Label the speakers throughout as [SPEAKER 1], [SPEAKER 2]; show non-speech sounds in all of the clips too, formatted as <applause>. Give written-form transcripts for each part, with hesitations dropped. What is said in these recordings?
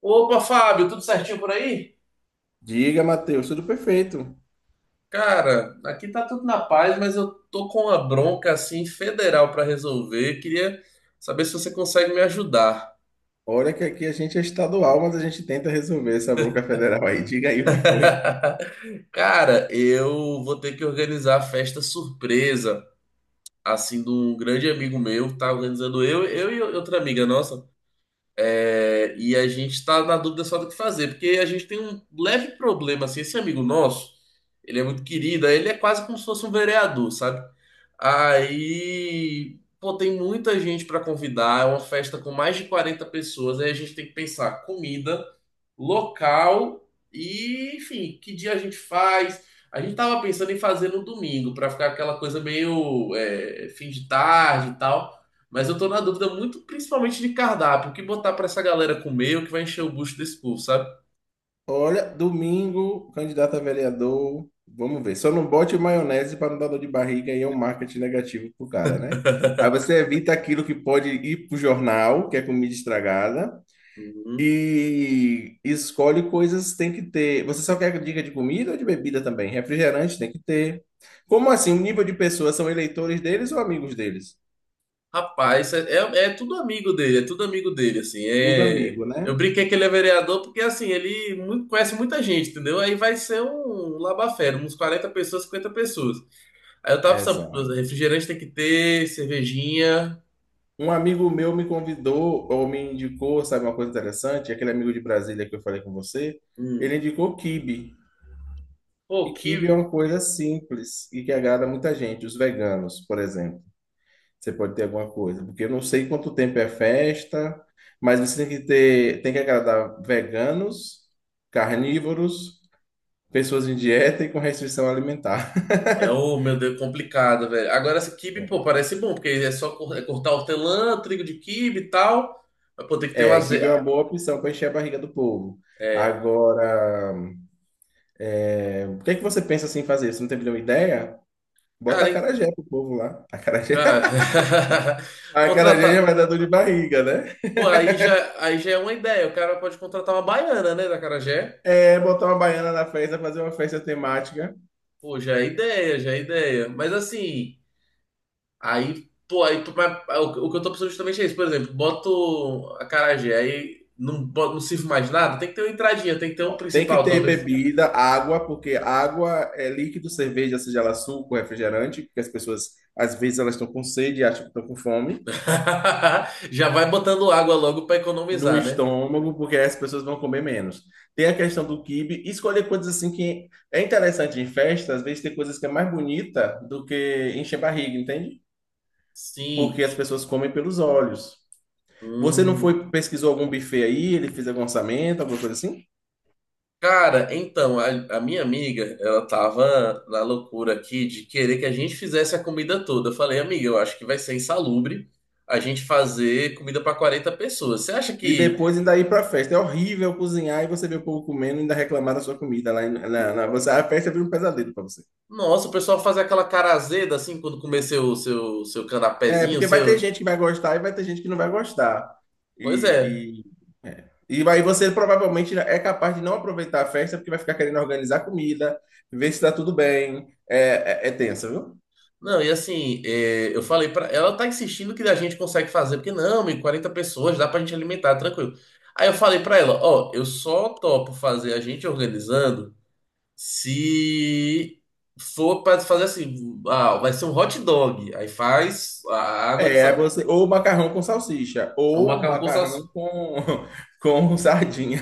[SPEAKER 1] Opa, Fábio, tudo certinho por aí?
[SPEAKER 2] Diga, Matheus, tudo perfeito.
[SPEAKER 1] Cara, aqui tá tudo na paz, mas eu tô com uma bronca assim federal pra resolver. Queria saber se você consegue me ajudar.
[SPEAKER 2] Olha que aqui a gente é estadual, mas a gente tenta resolver essa bronca federal aí. Diga aí o que foi.
[SPEAKER 1] <laughs> Cara, eu vou ter que organizar a festa surpresa assim de um grande amigo meu, tá organizando eu e outra amiga nossa. É, e a gente está na dúvida só do que fazer, porque a gente tem um leve problema, assim, esse amigo nosso, ele é muito querido, aí ele é quase como se fosse um vereador, sabe? Aí, pô, tem muita gente para convidar, é uma festa com mais de 40 pessoas, aí a gente tem que pensar comida, local e, enfim, que dia a gente faz. A gente tava pensando em fazer no domingo, para ficar aquela coisa meio fim de tarde e tal. Mas eu tô na dúvida muito, principalmente de cardápio. O que botar pra essa galera comer, o que vai encher o bucho desse povo, sabe?
[SPEAKER 2] Olha, domingo, candidato a vereador. Vamos ver. Só não bote maionese para não dar dor de barriga e é um marketing negativo pro cara, né? Aí você evita aquilo que pode ir pro jornal, que é comida estragada,
[SPEAKER 1] Uhum.
[SPEAKER 2] e escolhe coisas que tem que ter. Você só quer dica de comida ou de bebida também? Refrigerante tem que ter. Como assim? O nível de pessoas são eleitores deles ou amigos deles?
[SPEAKER 1] Rapaz, é tudo amigo dele, é tudo amigo dele, assim.
[SPEAKER 2] Tudo
[SPEAKER 1] É...
[SPEAKER 2] amigo,
[SPEAKER 1] Eu
[SPEAKER 2] né?
[SPEAKER 1] brinquei que ele é vereador porque, assim, conhece muita gente, entendeu? Aí vai ser um labafé, uns 40 pessoas, 50 pessoas. Aí eu tava pensando,
[SPEAKER 2] Exato.
[SPEAKER 1] refrigerante tem que ter, cervejinha.
[SPEAKER 2] Um amigo meu me convidou, ou me indicou, sabe uma coisa interessante? Aquele amigo de Brasília que eu falei com você,
[SPEAKER 1] Hum.
[SPEAKER 2] ele indicou quibe.
[SPEAKER 1] Pô,
[SPEAKER 2] E quibe é
[SPEAKER 1] que
[SPEAKER 2] uma coisa simples e que agrada muita gente, os veganos, por exemplo. Você pode ter alguma coisa, porque eu não sei quanto tempo é festa, mas você tem que ter, tem que agradar veganos, carnívoros, pessoas em dieta e com restrição alimentar.
[SPEAKER 1] é, o meu Deus, complicado, velho. Agora, esse quibe, pô, parece bom, porque é só cortar hortelã, trigo de quibe e tal. Mas, pô, tem que ter um
[SPEAKER 2] É,
[SPEAKER 1] azeite.
[SPEAKER 2] quibe é uma boa opção para encher a barriga do povo.
[SPEAKER 1] É,
[SPEAKER 2] Agora, por que é que você pensa assim em fazer? Você não tem nenhuma ideia? Bota
[SPEAKER 1] cara, hein?
[SPEAKER 2] acarajé pro povo lá. Acarajé,
[SPEAKER 1] Cara.
[SPEAKER 2] <laughs>
[SPEAKER 1] <laughs>
[SPEAKER 2] acarajé já
[SPEAKER 1] Contratar.
[SPEAKER 2] vai dar dor de barriga, né?
[SPEAKER 1] Pô, aí já é uma ideia. O cara pode contratar uma baiana, né, da Carajé.
[SPEAKER 2] É, botar uma baiana na festa, fazer uma festa temática.
[SPEAKER 1] Pô, já é ideia, já é ideia. Mas, assim, aí, pô, aí, mas, o que eu tô pensando justamente é isso. Por exemplo, boto a Carajé aí não, não sirvo mais nada. Tem que ter uma entradinha, tem que ter um
[SPEAKER 2] Ó, tem que
[SPEAKER 1] principal,
[SPEAKER 2] ter
[SPEAKER 1] talvez.
[SPEAKER 2] bebida, água, porque água é líquido, cerveja, seja ela suco, refrigerante, porque as pessoas, às vezes, elas estão com sede e acham que estão com fome.
[SPEAKER 1] <laughs> Já vai botando água logo para
[SPEAKER 2] No
[SPEAKER 1] economizar, né?
[SPEAKER 2] estômago, porque aí as pessoas vão comer menos. Tem a questão do quibe. Escolher coisas assim que é interessante em festa, às vezes tem coisas que é mais bonita do que encher barriga, entende?
[SPEAKER 1] Sim.
[SPEAKER 2] Porque as pessoas comem pelos olhos. Você não
[SPEAKER 1] Hum.
[SPEAKER 2] foi, pesquisou algum buffet aí, ele fez algum orçamento, alguma coisa assim?
[SPEAKER 1] Cara, então, a minha amiga, ela tava na loucura aqui de querer que a gente fizesse a comida toda. Eu falei, amiga, eu acho que vai ser insalubre a gente fazer comida para 40 pessoas. Você acha
[SPEAKER 2] E
[SPEAKER 1] que,
[SPEAKER 2] depois ainda ir para festa. É horrível cozinhar e você ver o povo comendo e ainda reclamar da sua comida. Lá em- na, na- Você, a festa vira um pesadelo para você.
[SPEAKER 1] nossa, o pessoal faz aquela cara azeda assim quando comer seu
[SPEAKER 2] É,
[SPEAKER 1] canapézinho,
[SPEAKER 2] porque vai ter
[SPEAKER 1] seu.
[SPEAKER 2] gente que vai gostar e vai ter gente que não vai gostar.
[SPEAKER 1] Pois é.
[SPEAKER 2] E, e aí você provavelmente é capaz de não aproveitar a festa porque vai ficar querendo organizar comida, ver se está tudo bem. É tenso, viu?
[SPEAKER 1] Não, e assim, é, eu falei pra ela tá insistindo que a gente consegue fazer, porque não, e 40 pessoas dá pra gente alimentar, tranquilo. Aí eu falei pra ela, ó, eu só topo fazer a gente organizando se for pra fazer assim, ah, vai ser um hot dog, aí faz a água de
[SPEAKER 2] É, é
[SPEAKER 1] sal,
[SPEAKER 2] você, ou macarrão com salsicha,
[SPEAKER 1] um
[SPEAKER 2] ou
[SPEAKER 1] macarrão com
[SPEAKER 2] macarrão
[SPEAKER 1] salsicha.
[SPEAKER 2] com, <laughs> com sardinha.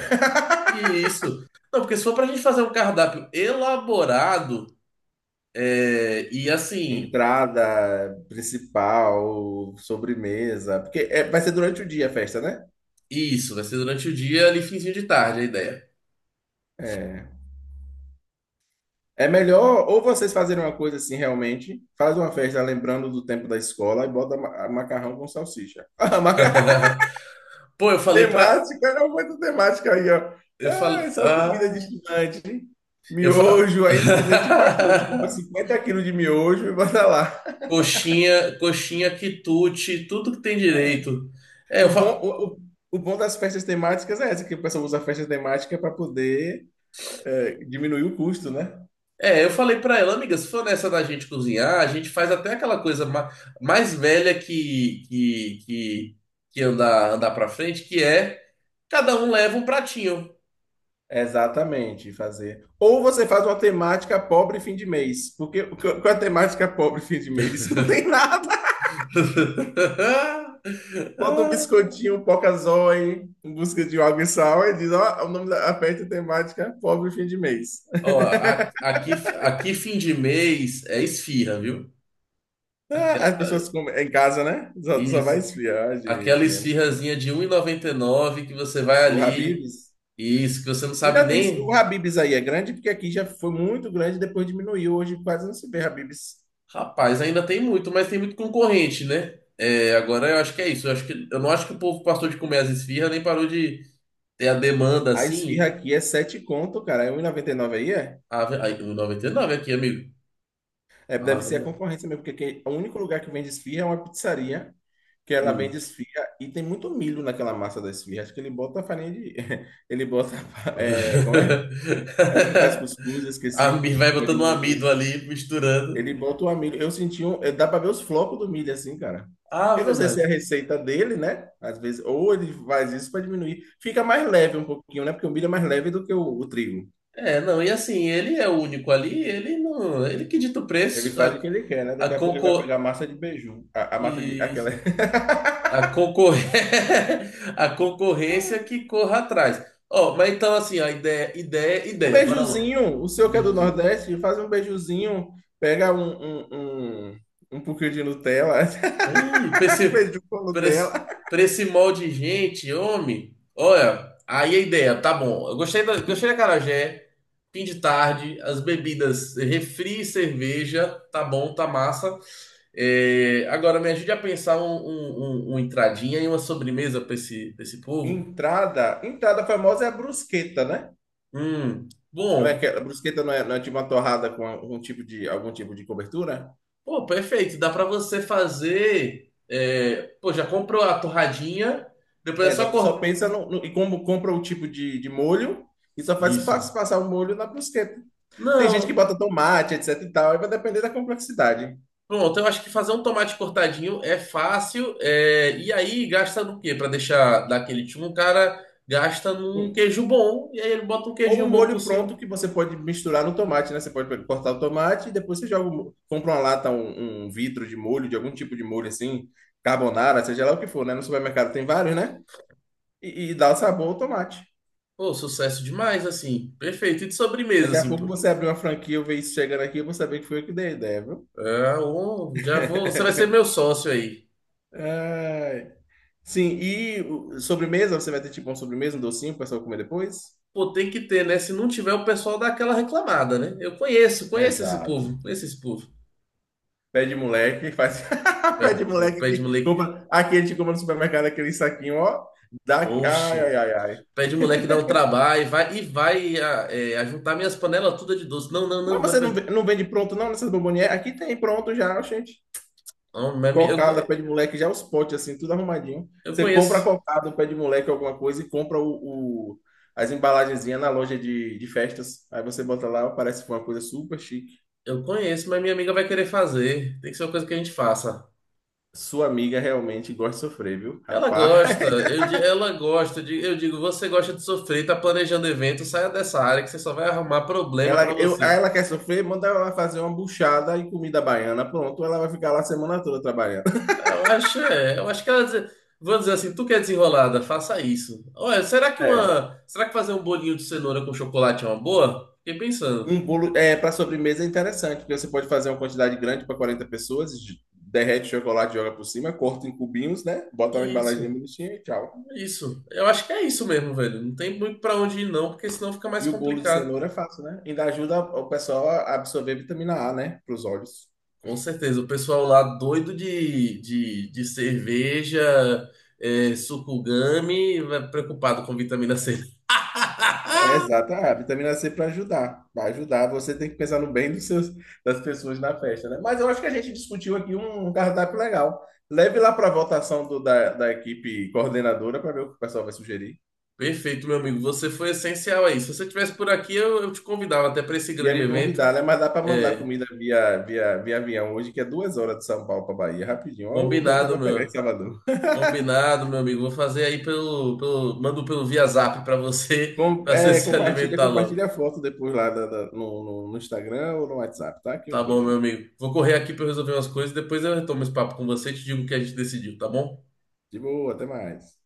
[SPEAKER 1] E isso. Não, porque se for pra gente fazer um cardápio elaborado, é, e assim,
[SPEAKER 2] Entrada principal, sobremesa, vai ser durante o dia a festa, né?
[SPEAKER 1] isso, vai ser durante o dia, ali finzinho de tarde a ideia.
[SPEAKER 2] É. É melhor ou vocês fazerem uma coisa assim realmente, faz uma festa lembrando do tempo da escola e bota ma- a macarrão com salsicha. <laughs>
[SPEAKER 1] <laughs> Pô, eu
[SPEAKER 2] <laughs>
[SPEAKER 1] falei pra
[SPEAKER 2] Temática, não foi temática aí, ó.
[SPEAKER 1] eu
[SPEAKER 2] Ah, é
[SPEAKER 1] falo.
[SPEAKER 2] só comida
[SPEAKER 1] Ah,
[SPEAKER 2] de estudante.
[SPEAKER 1] eu falo.
[SPEAKER 2] Miojo, aí vocês a gente faz
[SPEAKER 1] <laughs>
[SPEAKER 2] tudo, a gente compra 50 quilos de miojo e bota lá.
[SPEAKER 1] Coxinha, coxinha, quitute, tudo que tem
[SPEAKER 2] É.
[SPEAKER 1] direito. É, eu
[SPEAKER 2] O
[SPEAKER 1] fa...
[SPEAKER 2] bom, o, o, o bom das festas temáticas é essa, que o pessoal usa a festa temática para poder diminuir o custo, né?
[SPEAKER 1] é, eu falei pra ela, amiga, se for nessa da gente cozinhar, a gente faz até aquela coisa ma- mais velha que andar pra frente, que é cada um leva um pratinho.
[SPEAKER 2] Exatamente, fazer. Ou você faz uma temática pobre fim de mês. Qual é a temática pobre fim de mês? <laughs> Não tem nada. Bota um
[SPEAKER 1] <laughs>
[SPEAKER 2] biscoitinho, um pocazói, em busca de água e sal, e diz, ó, o nome da festa temática é pobre fim de mês. <laughs>
[SPEAKER 1] Ó, aqui, aqui fim de mês é esfirra, viu?
[SPEAKER 2] Ah,
[SPEAKER 1] Aqui-
[SPEAKER 2] as pessoas comem é em casa, né? Só vai
[SPEAKER 1] isso.
[SPEAKER 2] esfriar,
[SPEAKER 1] Aquela
[SPEAKER 2] gente. É.
[SPEAKER 1] esfirrazinha de um e noventa e nove que você vai
[SPEAKER 2] Do
[SPEAKER 1] ali
[SPEAKER 2] Habib's.
[SPEAKER 1] e isso que você não sabe
[SPEAKER 2] Ainda tem o
[SPEAKER 1] nem.
[SPEAKER 2] Habibs aí, é grande, porque aqui já foi muito grande, depois diminuiu. Hoje quase não se vê Habibs.
[SPEAKER 1] Rapaz, ainda tem muito, mas tem muito concorrente, né? É, agora eu acho que é isso. Eu acho que, eu não acho que o povo passou de comer as esfirras, nem parou de ter a demanda
[SPEAKER 2] A esfirra
[SPEAKER 1] assim.
[SPEAKER 2] aqui é 7 conto, cara. É um e noventa e nove aí, é?
[SPEAKER 1] Ave, ai, 1,99 aqui, amigo.
[SPEAKER 2] É, deve
[SPEAKER 1] Ave,
[SPEAKER 2] ser a
[SPEAKER 1] mano.
[SPEAKER 2] concorrência mesmo, porque aqui, o único lugar que vende esfirra é uma pizzaria, que ela vende
[SPEAKER 1] Hum.
[SPEAKER 2] esfirra e tem muito milho naquela massa da esfirra. Acho que ele bota farinha de. <laughs> Ele bota.
[SPEAKER 1] <laughs>
[SPEAKER 2] É, como é? É o que faz cuscuz, eu esqueci.
[SPEAKER 1] Vai
[SPEAKER 2] Vai
[SPEAKER 1] botando um
[SPEAKER 2] diminuir o
[SPEAKER 1] amido
[SPEAKER 2] preço.
[SPEAKER 1] ali, misturando.
[SPEAKER 2] Ele bota uma milho. Eu senti um. Eh, Dá para ver os flocos do milho assim, cara. Eu
[SPEAKER 1] Ave,
[SPEAKER 2] não sei se é a
[SPEAKER 1] mano.
[SPEAKER 2] receita dele, né? Às vezes, ou ele faz isso para diminuir. Fica mais leve um pouquinho, né? Porque o milho é mais leve do que o trigo.
[SPEAKER 1] É, não, e assim, ele é o único ali, ele não, ele que dita o
[SPEAKER 2] Ele
[SPEAKER 1] preço,
[SPEAKER 2] faz o
[SPEAKER 1] a,
[SPEAKER 2] que ele quer, né?
[SPEAKER 1] a
[SPEAKER 2] Daqui a pouco ele vai pegar a
[SPEAKER 1] concor...
[SPEAKER 2] massa de beiju. A massa de. Aquela.
[SPEAKER 1] Isso.
[SPEAKER 2] <laughs>
[SPEAKER 1] A concor... <laughs> a concorrência que corra atrás. Ó, mas então assim, a ideia, ideia,
[SPEAKER 2] Um
[SPEAKER 1] ideia, para lá.
[SPEAKER 2] beijuzinho. O seu que é do
[SPEAKER 1] Beijo,
[SPEAKER 2] Nordeste, faz um beijuzinho. Pega um, um, um, um pouquinho de Nutella.
[SPEAKER 1] ei,
[SPEAKER 2] <laughs> Beiju com
[SPEAKER 1] pra esse,
[SPEAKER 2] Nutella.
[SPEAKER 1] pra esse molde de gente, homem. Olha, aí a ideia, tá bom. Eu gostei da acarajé, fim de tarde, as bebidas, refri, e cerveja, tá bom, tá massa. É, agora me ajude a pensar uma entradinha e uma sobremesa pra esse povo.
[SPEAKER 2] Entrada. Entrada famosa é a brusqueta, né? Não é que
[SPEAKER 1] Bom,
[SPEAKER 2] a brusqueta não é, não é tipo uma torrada com algum tipo de cobertura?
[SPEAKER 1] pô, perfeito. Dá pra você fazer. É, pô, já comprou a torradinha, depois é
[SPEAKER 2] É,
[SPEAKER 1] só
[SPEAKER 2] exato. Só
[SPEAKER 1] cortar.
[SPEAKER 2] pensa como compra o tipo de molho e só faz
[SPEAKER 1] Isso.
[SPEAKER 2] passar o molho na brusqueta. Tem gente que
[SPEAKER 1] Não.
[SPEAKER 2] bota tomate, etc e tal, aí vai depender da complexidade.
[SPEAKER 1] Pronto, eu acho que fazer um tomate cortadinho é fácil. É, e aí gasta no quê? Para deixar daquele tipo, um cara gasta num
[SPEAKER 2] Hum.
[SPEAKER 1] queijo bom e aí ele bota um
[SPEAKER 2] Ou
[SPEAKER 1] queijinho
[SPEAKER 2] um
[SPEAKER 1] bom por
[SPEAKER 2] molho pronto
[SPEAKER 1] cima.
[SPEAKER 2] que você pode misturar no tomate, né? Você pode cortar o tomate e depois você joga, compra uma lata, um vidro de molho, de algum tipo de molho assim, carbonara, seja lá o que for, né? No supermercado tem vários, né? E dá o sabor ao tomate.
[SPEAKER 1] Pô, sucesso demais, assim. Perfeito. E de sobremesa,
[SPEAKER 2] Daqui a
[SPEAKER 1] assim,
[SPEAKER 2] pouco
[SPEAKER 1] pô.
[SPEAKER 2] você abrir uma franquia, eu ver isso chegando aqui, eu vou saber que foi eu que dei a ideia, viu?
[SPEAKER 1] É, ô, já vou. Você vai ser meu sócio aí.
[SPEAKER 2] Ai. Sim, sobremesa, você vai ter tipo um sobremesa, um docinho para só comer depois?
[SPEAKER 1] Pô, tem que ter, né? Se não tiver, o pessoal dá aquela reclamada, né? Eu conheço, conheço esse
[SPEAKER 2] Exato.
[SPEAKER 1] povo, conheço esse povo.
[SPEAKER 2] Pé de moleque, faz. <laughs>
[SPEAKER 1] É,
[SPEAKER 2] Pé de
[SPEAKER 1] pô,
[SPEAKER 2] moleque
[SPEAKER 1] pede
[SPEAKER 2] que
[SPEAKER 1] moleque.
[SPEAKER 2] compra. Aqui a gente compra no supermercado aquele saquinho, ó. Dá... Ai,
[SPEAKER 1] Poxa.
[SPEAKER 2] ai, ai, ai.
[SPEAKER 1] Pede o moleque dar um trabalho e vai a, é, ajuntar minhas panelas todas de doce. Não, não,
[SPEAKER 2] Mas
[SPEAKER 1] não.
[SPEAKER 2] você não, não vende pronto, não, nessas bombonières? Aqui tem pronto já, gente.
[SPEAKER 1] Não, eu,
[SPEAKER 2] Cocada, pé de moleque, já os potes assim, tudo arrumadinho.
[SPEAKER 1] eu
[SPEAKER 2] Você compra a
[SPEAKER 1] conheço.
[SPEAKER 2] cocada, um pé de moleque, alguma coisa, e compra as embalagenzinhas na loja de festas. Aí você bota lá, parece que foi uma coisa super chique.
[SPEAKER 1] Eu conheço, mas minha amiga vai querer fazer. Tem que ser uma coisa que a gente faça.
[SPEAKER 2] Sua amiga realmente gosta de sofrer, viu?
[SPEAKER 1] Ela
[SPEAKER 2] Rapaz,
[SPEAKER 1] gosta, ela gosta. Eu digo, você gosta de sofrer, tá planejando evento, saia dessa área que você só vai arrumar
[SPEAKER 2] <laughs>
[SPEAKER 1] problema
[SPEAKER 2] ela,
[SPEAKER 1] pra
[SPEAKER 2] eu,
[SPEAKER 1] você.
[SPEAKER 2] aí ela quer sofrer, manda ela fazer uma buchada e comida baiana. Pronto, ela vai ficar lá a semana toda trabalhando. <laughs>
[SPEAKER 1] Eu acho, é, eu acho que ela dizer, vou dizer assim, tu que é desenrolada, faça isso. Olha,
[SPEAKER 2] É.
[SPEAKER 1] será que fazer um bolinho de cenoura com chocolate é uma boa? Fiquei pensando.
[SPEAKER 2] Um bolo é, para sobremesa é interessante, porque você pode fazer uma quantidade grande para 40 pessoas, derrete o chocolate, joga por cima, corta em cubinhos, né? Bota na
[SPEAKER 1] Isso.
[SPEAKER 2] embalagem bonitinha e tchau.
[SPEAKER 1] Isso. Eu acho que é isso mesmo, velho. Não tem muito pra onde ir, não, porque senão fica mais
[SPEAKER 2] E o bolo de
[SPEAKER 1] complicado.
[SPEAKER 2] cenoura é fácil, né? Ainda ajuda o pessoal a absorver vitamina A, né? Para os olhos.
[SPEAKER 1] Com certeza. O pessoal lá doido de cerveja, é, sucugame, preocupado com vitamina C.
[SPEAKER 2] É,
[SPEAKER 1] <laughs>
[SPEAKER 2] exato, a vitamina C para ajudar. Vai ajudar, você tem que pensar no bem dos seus, das pessoas na festa, né? Mas eu acho que a gente discutiu aqui um cardápio legal. Leve lá para a votação da equipe coordenadora para ver o que o pessoal vai sugerir.
[SPEAKER 1] Perfeito, meu amigo. Você foi essencial aí. Se você estivesse por aqui, eu te convidava até para esse
[SPEAKER 2] Ia
[SPEAKER 1] grande
[SPEAKER 2] me
[SPEAKER 1] evento.
[SPEAKER 2] convidar, né? Mas dá para mandar
[SPEAKER 1] É,
[SPEAKER 2] comida via avião hoje, que é 2 horas de São Paulo para Bahia, rapidinho. Ó, dá até
[SPEAKER 1] combinado,
[SPEAKER 2] para pegar em
[SPEAKER 1] meu.
[SPEAKER 2] Salvador.
[SPEAKER 1] Combinado, meu amigo. Vou fazer aí mando pelo via Zap para você, <laughs> para você se
[SPEAKER 2] Compartilha,
[SPEAKER 1] alimentar logo.
[SPEAKER 2] compartilha a foto depois lá no Instagram ou no WhatsApp, tá? Que
[SPEAKER 1] Tá
[SPEAKER 2] eu
[SPEAKER 1] bom,
[SPEAKER 2] vejo.
[SPEAKER 1] meu amigo. Vou correr aqui para resolver umas coisas, depois eu retomo esse papo com você e te digo o que a gente decidiu, tá bom?
[SPEAKER 2] De boa, até mais.